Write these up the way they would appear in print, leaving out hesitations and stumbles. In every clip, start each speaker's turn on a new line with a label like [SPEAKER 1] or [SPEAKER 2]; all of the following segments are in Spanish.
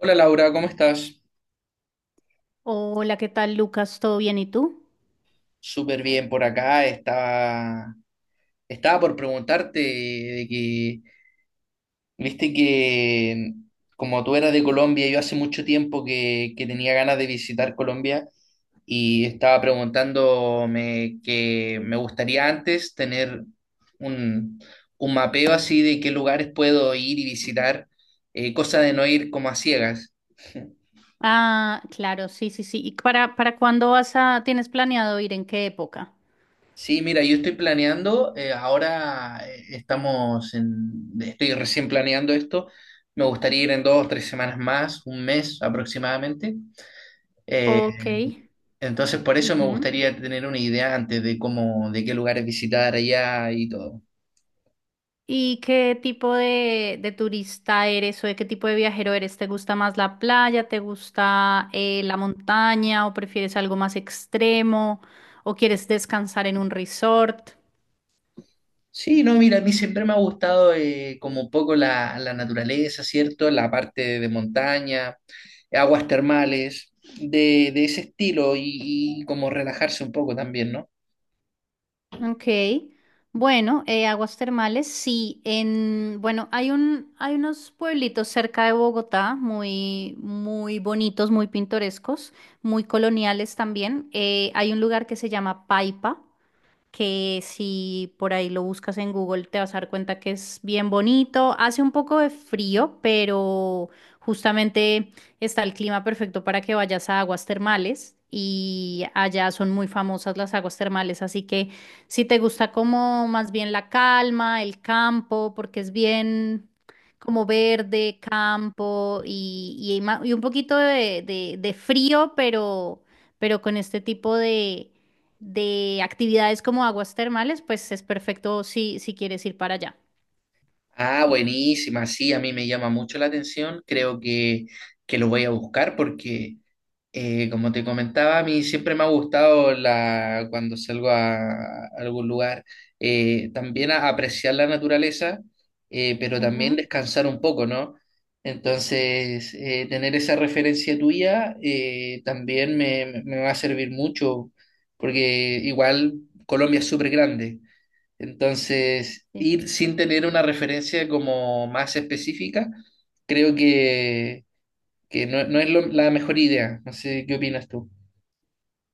[SPEAKER 1] Hola Laura, ¿cómo estás?
[SPEAKER 2] Hola, ¿qué tal, Lucas? ¿Todo bien? ¿Y tú?
[SPEAKER 1] Súper bien por acá. Estaba por preguntarte de que, viste que como tú eras de Colombia, yo hace mucho tiempo que tenía ganas de visitar Colombia y estaba preguntándome que me gustaría antes tener un, un mapeo así de qué lugares puedo ir y visitar, cosa de no ir como a ciegas.
[SPEAKER 2] Ah, claro, sí, sí, sí. ¿Y para cuándo vas a, tienes planeado ir? ¿En qué época?
[SPEAKER 1] Sí, mira, yo estoy planeando, ahora, estoy recién planeando esto. Me gustaría ir en dos, 3 semanas más, un mes aproximadamente. Eh,
[SPEAKER 2] Ok.
[SPEAKER 1] entonces, por eso me
[SPEAKER 2] Ujú.
[SPEAKER 1] gustaría tener una idea antes de cómo, de qué lugares visitar allá y todo.
[SPEAKER 2] ¿Y qué tipo de turista eres o de qué tipo de viajero eres? ¿Te gusta más la playa? ¿Te gusta la montaña? ¿O prefieres algo más extremo? ¿O quieres descansar en un resort?
[SPEAKER 1] Sí, no, mira, a mí siempre me ha gustado, como un poco la naturaleza, ¿cierto? La parte de montaña, aguas termales, de ese estilo y, como relajarse un poco también, ¿no?
[SPEAKER 2] Ok, bueno, aguas termales, sí, en, bueno, hay un, hay unos pueblitos cerca de Bogotá muy, muy bonitos, muy pintorescos, muy coloniales también. Hay un lugar que se llama Paipa que si por ahí lo buscas en Google te vas a dar cuenta que es bien bonito. Hace un poco de frío, pero justamente está el clima perfecto para que vayas a aguas termales y allá son muy famosas las aguas termales, así que si te gusta como más bien la calma, el campo, porque es bien como verde, campo y, y un poquito de, de frío, pero con este tipo de actividades como aguas termales, pues es perfecto si, si quieres ir para allá.
[SPEAKER 1] Ah, buenísima, sí, a mí me llama mucho la atención. Creo que lo voy a buscar porque, como te comentaba, a mí siempre me ha gustado la, cuando salgo a algún lugar, también apreciar la naturaleza, pero también
[SPEAKER 2] Ujú.
[SPEAKER 1] descansar un poco, ¿no? Entonces, tener esa referencia tuya, también me va a servir mucho, porque igual Colombia es súper grande. Entonces,
[SPEAKER 2] Sí,
[SPEAKER 1] ir sin tener una referencia como más específica, creo que no es la mejor idea. No sé qué opinas tú.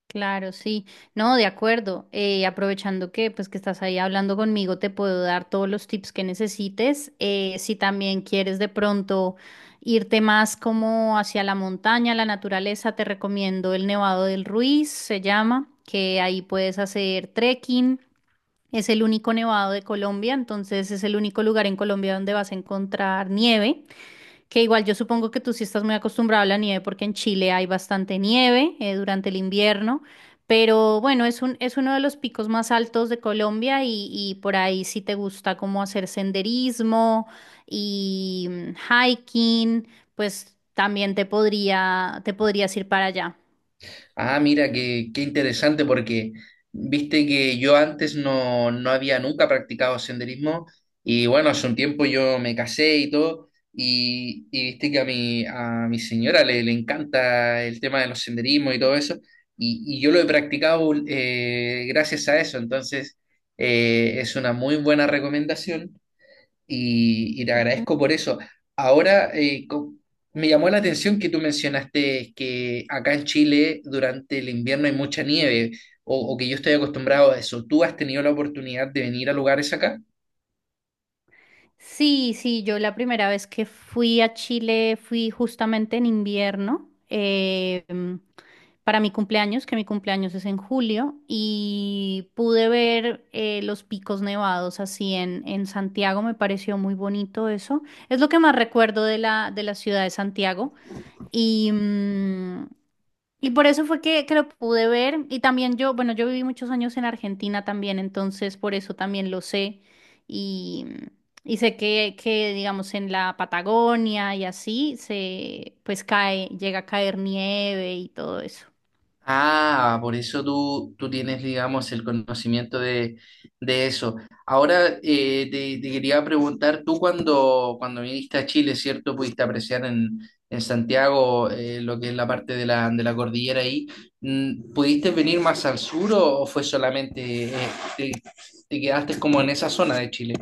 [SPEAKER 2] claro, sí. No, de acuerdo. Aprovechando que pues que estás ahí hablando conmigo, te puedo dar todos los tips que necesites. Si también quieres de pronto irte más como hacia la montaña, la naturaleza, te recomiendo el Nevado del Ruiz, se llama, que ahí puedes hacer trekking. Es el único nevado de Colombia, entonces es el único lugar en Colombia donde vas a encontrar nieve. Que igual yo supongo que tú sí estás muy acostumbrado a la nieve porque en Chile hay bastante nieve durante el invierno, pero bueno, es un, es uno de los picos más altos de Colombia y por ahí sí te gusta como hacer senderismo y hiking, pues también te podría, te podrías ir para allá.
[SPEAKER 1] Ah, mira, qué interesante porque viste que yo antes no había nunca practicado senderismo. Y bueno, hace un tiempo yo me casé y todo, y viste que a mi señora le encanta el tema de los senderismos y todo eso, y yo lo he practicado, gracias a eso. Entonces, es una muy buena recomendación, y te agradezco por eso. Ahora, me llamó la atención que tú mencionaste que acá en Chile durante el invierno hay mucha nieve, o que yo estoy acostumbrado a eso. ¿Tú has tenido la oportunidad de venir a lugares acá?
[SPEAKER 2] Sí, sí, yo la primera vez que fui a Chile fui justamente en invierno, para mi cumpleaños, que mi cumpleaños es en julio, y pude ver los picos nevados así en Santiago, me pareció muy bonito eso. Es lo que más recuerdo de la ciudad de Santiago. Y, y por eso fue que lo pude ver. Y también yo, bueno, yo viví muchos años en Argentina también, entonces por eso también lo sé. Y, y sé que, digamos, en la Patagonia y así se, pues cae, llega a caer nieve y todo eso.
[SPEAKER 1] Ah, por eso tú tienes, digamos, el conocimiento de eso. Ahora, te quería preguntar, tú cuando viniste a Chile, ¿cierto? Pudiste apreciar en Santiago, lo que es la parte de la cordillera ahí. ¿Pudiste venir más al sur, o fue solamente, te, te quedaste como en esa zona de Chile?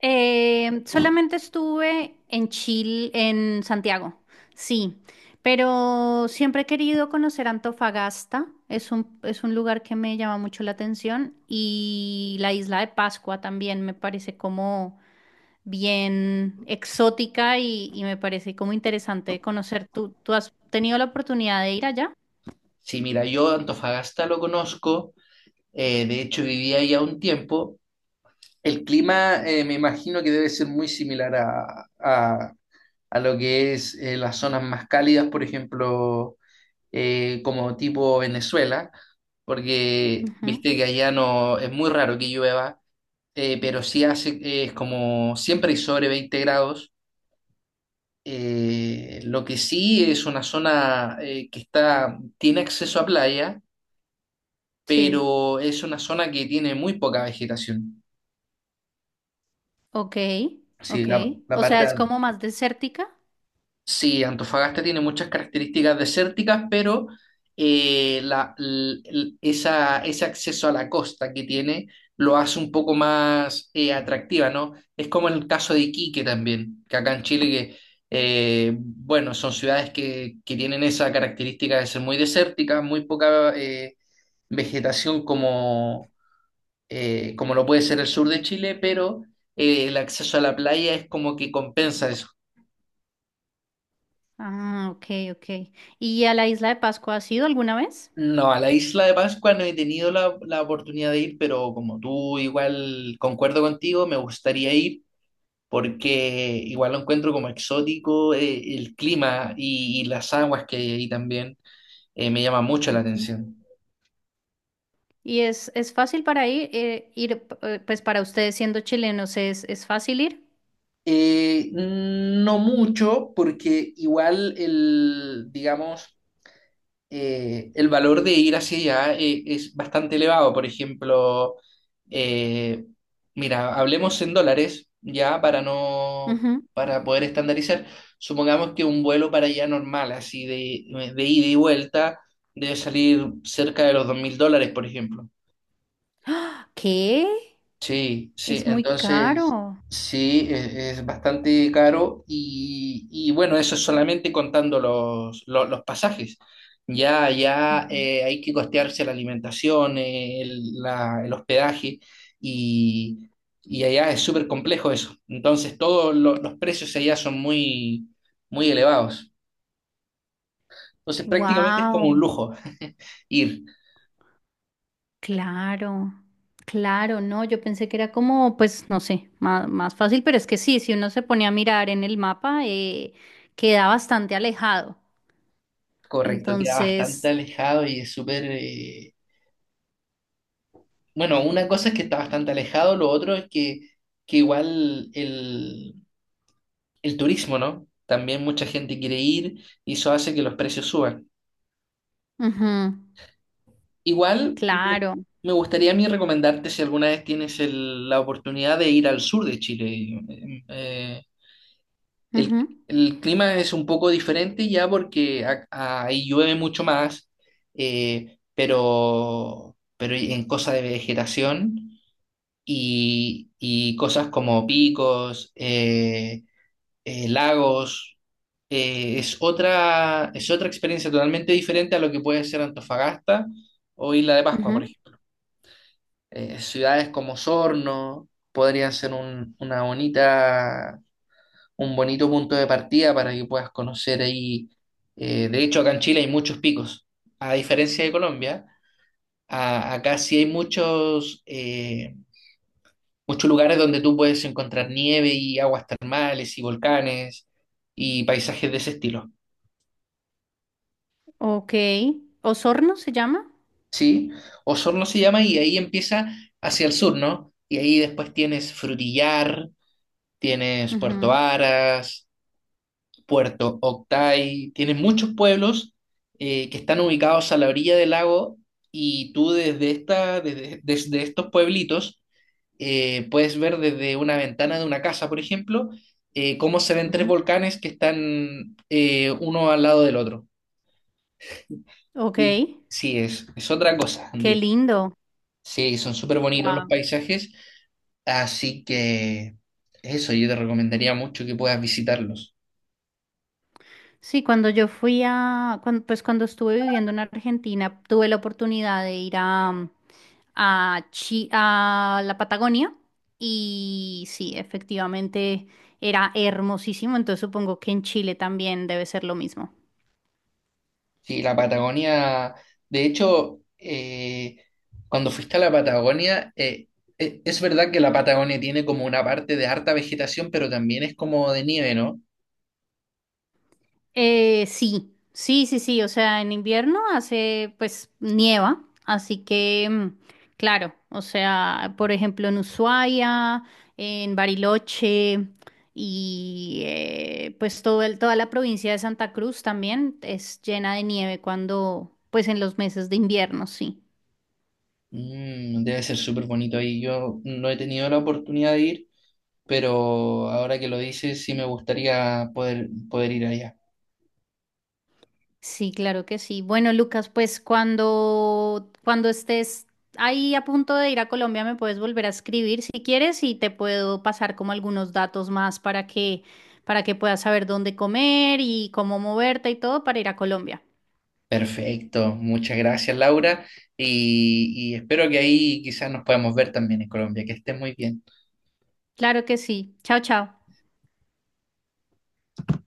[SPEAKER 2] Solamente estuve en Chile, en Santiago, sí, pero siempre he querido conocer Antofagasta, es un lugar que me llama mucho la atención y la isla de Pascua también me parece como bien exótica y me parece como interesante conocer. ¿Tú, tú has tenido la oportunidad de ir allá?
[SPEAKER 1] Sí, mira, yo Antofagasta lo conozco, de hecho viví ahí a un tiempo. El clima, me imagino que debe ser muy similar a lo que es, las zonas más cálidas, por ejemplo, como tipo Venezuela, porque
[SPEAKER 2] Ujú.
[SPEAKER 1] viste que allá no es muy raro que llueva, pero sí hace, es como siempre hay sobre 20 grados. Lo que sí es una zona, que está, tiene acceso a playa,
[SPEAKER 2] Sí,
[SPEAKER 1] pero es una zona que tiene muy poca vegetación.
[SPEAKER 2] ok,
[SPEAKER 1] Sí,
[SPEAKER 2] ok.
[SPEAKER 1] la
[SPEAKER 2] O sea,
[SPEAKER 1] parte
[SPEAKER 2] es como más desértica.
[SPEAKER 1] sí, Antofagasta tiene muchas características desérticas, pero ese acceso a la costa que tiene lo hace un poco más, atractiva, ¿no? Es como el caso de Iquique también, que acá en Chile, bueno, son ciudades que tienen esa característica de ser muy desérticas, muy poca, vegetación, como, como lo puede ser el sur de Chile, pero el acceso a la playa es como que compensa eso.
[SPEAKER 2] Ah, ok, ok. ¿Y a la isla de Pascua has ido alguna vez?
[SPEAKER 1] No, a la isla de Pascua no he tenido la oportunidad de ir, pero como tú igual concuerdo contigo, me gustaría ir porque igual lo encuentro como exótico, el clima y, las aguas que hay ahí también, me llama mucho la
[SPEAKER 2] Ujú.
[SPEAKER 1] atención.
[SPEAKER 2] ¿Y es fácil para ir, ir, pues para ustedes siendo chilenos, es fácil ir?
[SPEAKER 1] No mucho, porque igual el, digamos, el valor de ir hacia allá, es bastante elevado. Por ejemplo, eh, mira, hablemos en dólares ya para no,
[SPEAKER 2] Ujú.
[SPEAKER 1] para poder estandarizar. Supongamos que un vuelo para allá normal, así de ida y vuelta, debe salir cerca de los $2.000, por ejemplo.
[SPEAKER 2] ¿Qué?
[SPEAKER 1] Sí, sí,
[SPEAKER 2] Es muy
[SPEAKER 1] entonces
[SPEAKER 2] caro.
[SPEAKER 1] sí, es bastante caro. Y, bueno, eso es solamente contando los pasajes. Ya, ya, hay que costearse la alimentación, el, el hospedaje, y, allá es súper complejo eso. Entonces todos los precios allá son muy, muy elevados. Entonces prácticamente es como un
[SPEAKER 2] Wow,
[SPEAKER 1] lujo ir.
[SPEAKER 2] claro, claro, no, yo pensé que era como, pues, no sé, más, más fácil, pero es que sí, si uno se ponía a mirar en el mapa, queda bastante alejado.
[SPEAKER 1] Correcto, queda bastante
[SPEAKER 2] Entonces,
[SPEAKER 1] alejado y es súper. Bueno, una cosa es que está bastante alejado, lo otro es que igual el turismo, ¿no? También mucha gente quiere ir y eso hace que los precios suban.
[SPEAKER 2] ujú,
[SPEAKER 1] Igual
[SPEAKER 2] claro.
[SPEAKER 1] me gustaría a mí recomendarte si alguna vez tienes la oportunidad de ir al sur de Chile. El,
[SPEAKER 2] Ujú,
[SPEAKER 1] el clima es un poco diferente ya porque ahí llueve mucho más, pero en cosa de vegetación. Y, cosas como picos, lagos. Es otra, es otra experiencia totalmente diferente a lo que puede ser Antofagasta o Isla de Pascua,
[SPEAKER 2] ujú.
[SPEAKER 1] por ejemplo. Ciudades como Sorno podrían ser un bonito punto de partida para que puedas conocer ahí. De hecho, acá en Chile hay muchos picos. A diferencia de Colombia, acá sí hay muchos, muchos lugares donde tú puedes encontrar nieve y aguas termales y volcanes y paisajes de ese estilo,
[SPEAKER 2] Ok. ¿Osorno se llama?
[SPEAKER 1] ¿sí? Osorno se llama y ahí empieza hacia el sur, ¿no? Y ahí después tienes Frutillar, tienes Puerto
[SPEAKER 2] Ujú,
[SPEAKER 1] Aras, Puerto Octay, tienes muchos pueblos, que están ubicados a la orilla del lago, y tú desde esta, desde estos pueblitos, puedes ver desde una ventana de una casa, por ejemplo, cómo se ven tres
[SPEAKER 2] ujú.
[SPEAKER 1] volcanes que están, uno al lado del otro.
[SPEAKER 2] Ok.
[SPEAKER 1] Sí, sí, es otra cosa,
[SPEAKER 2] Qué
[SPEAKER 1] digo.
[SPEAKER 2] lindo.
[SPEAKER 1] Sí, son súper bonitos los
[SPEAKER 2] Wow.
[SPEAKER 1] paisajes, así que eso yo te recomendaría mucho que puedas visitarlos.
[SPEAKER 2] Sí, cuando yo fui a, pues cuando estuve viviendo en Argentina, tuve la oportunidad de ir a, a, a la Patagonia y sí, efectivamente era hermosísimo, entonces supongo que en Chile también debe ser lo mismo.
[SPEAKER 1] Sí, la Patagonia, de hecho, cuando fuiste a la Patagonia, es verdad que la Patagonia tiene como una parte de harta vegetación, pero también es como de nieve, ¿no?
[SPEAKER 2] Sí, sí, sí, sí, o sea, en invierno hace, pues, nieva, así que, claro, o sea, por ejemplo, en Ushuaia, en Bariloche y pues toda la provincia de Santa Cruz también es llena de nieve cuando, pues, en los meses de invierno, sí.
[SPEAKER 1] Debe ser súper bonito ahí. Yo no he tenido la oportunidad de ir, pero ahora que lo dices, sí me gustaría poder ir allá.
[SPEAKER 2] Sí, claro que sí. Bueno, Lucas, pues cuando, cuando estés ahí a punto de ir a Colombia, me puedes volver a escribir si quieres y te puedo pasar como algunos datos más para que puedas saber dónde comer y cómo moverte y todo para ir a Colombia.
[SPEAKER 1] Perfecto, muchas gracias Laura, y espero que ahí quizás nos podamos ver también en Colombia. Que estés muy bien.
[SPEAKER 2] Claro que sí. Chao, chao.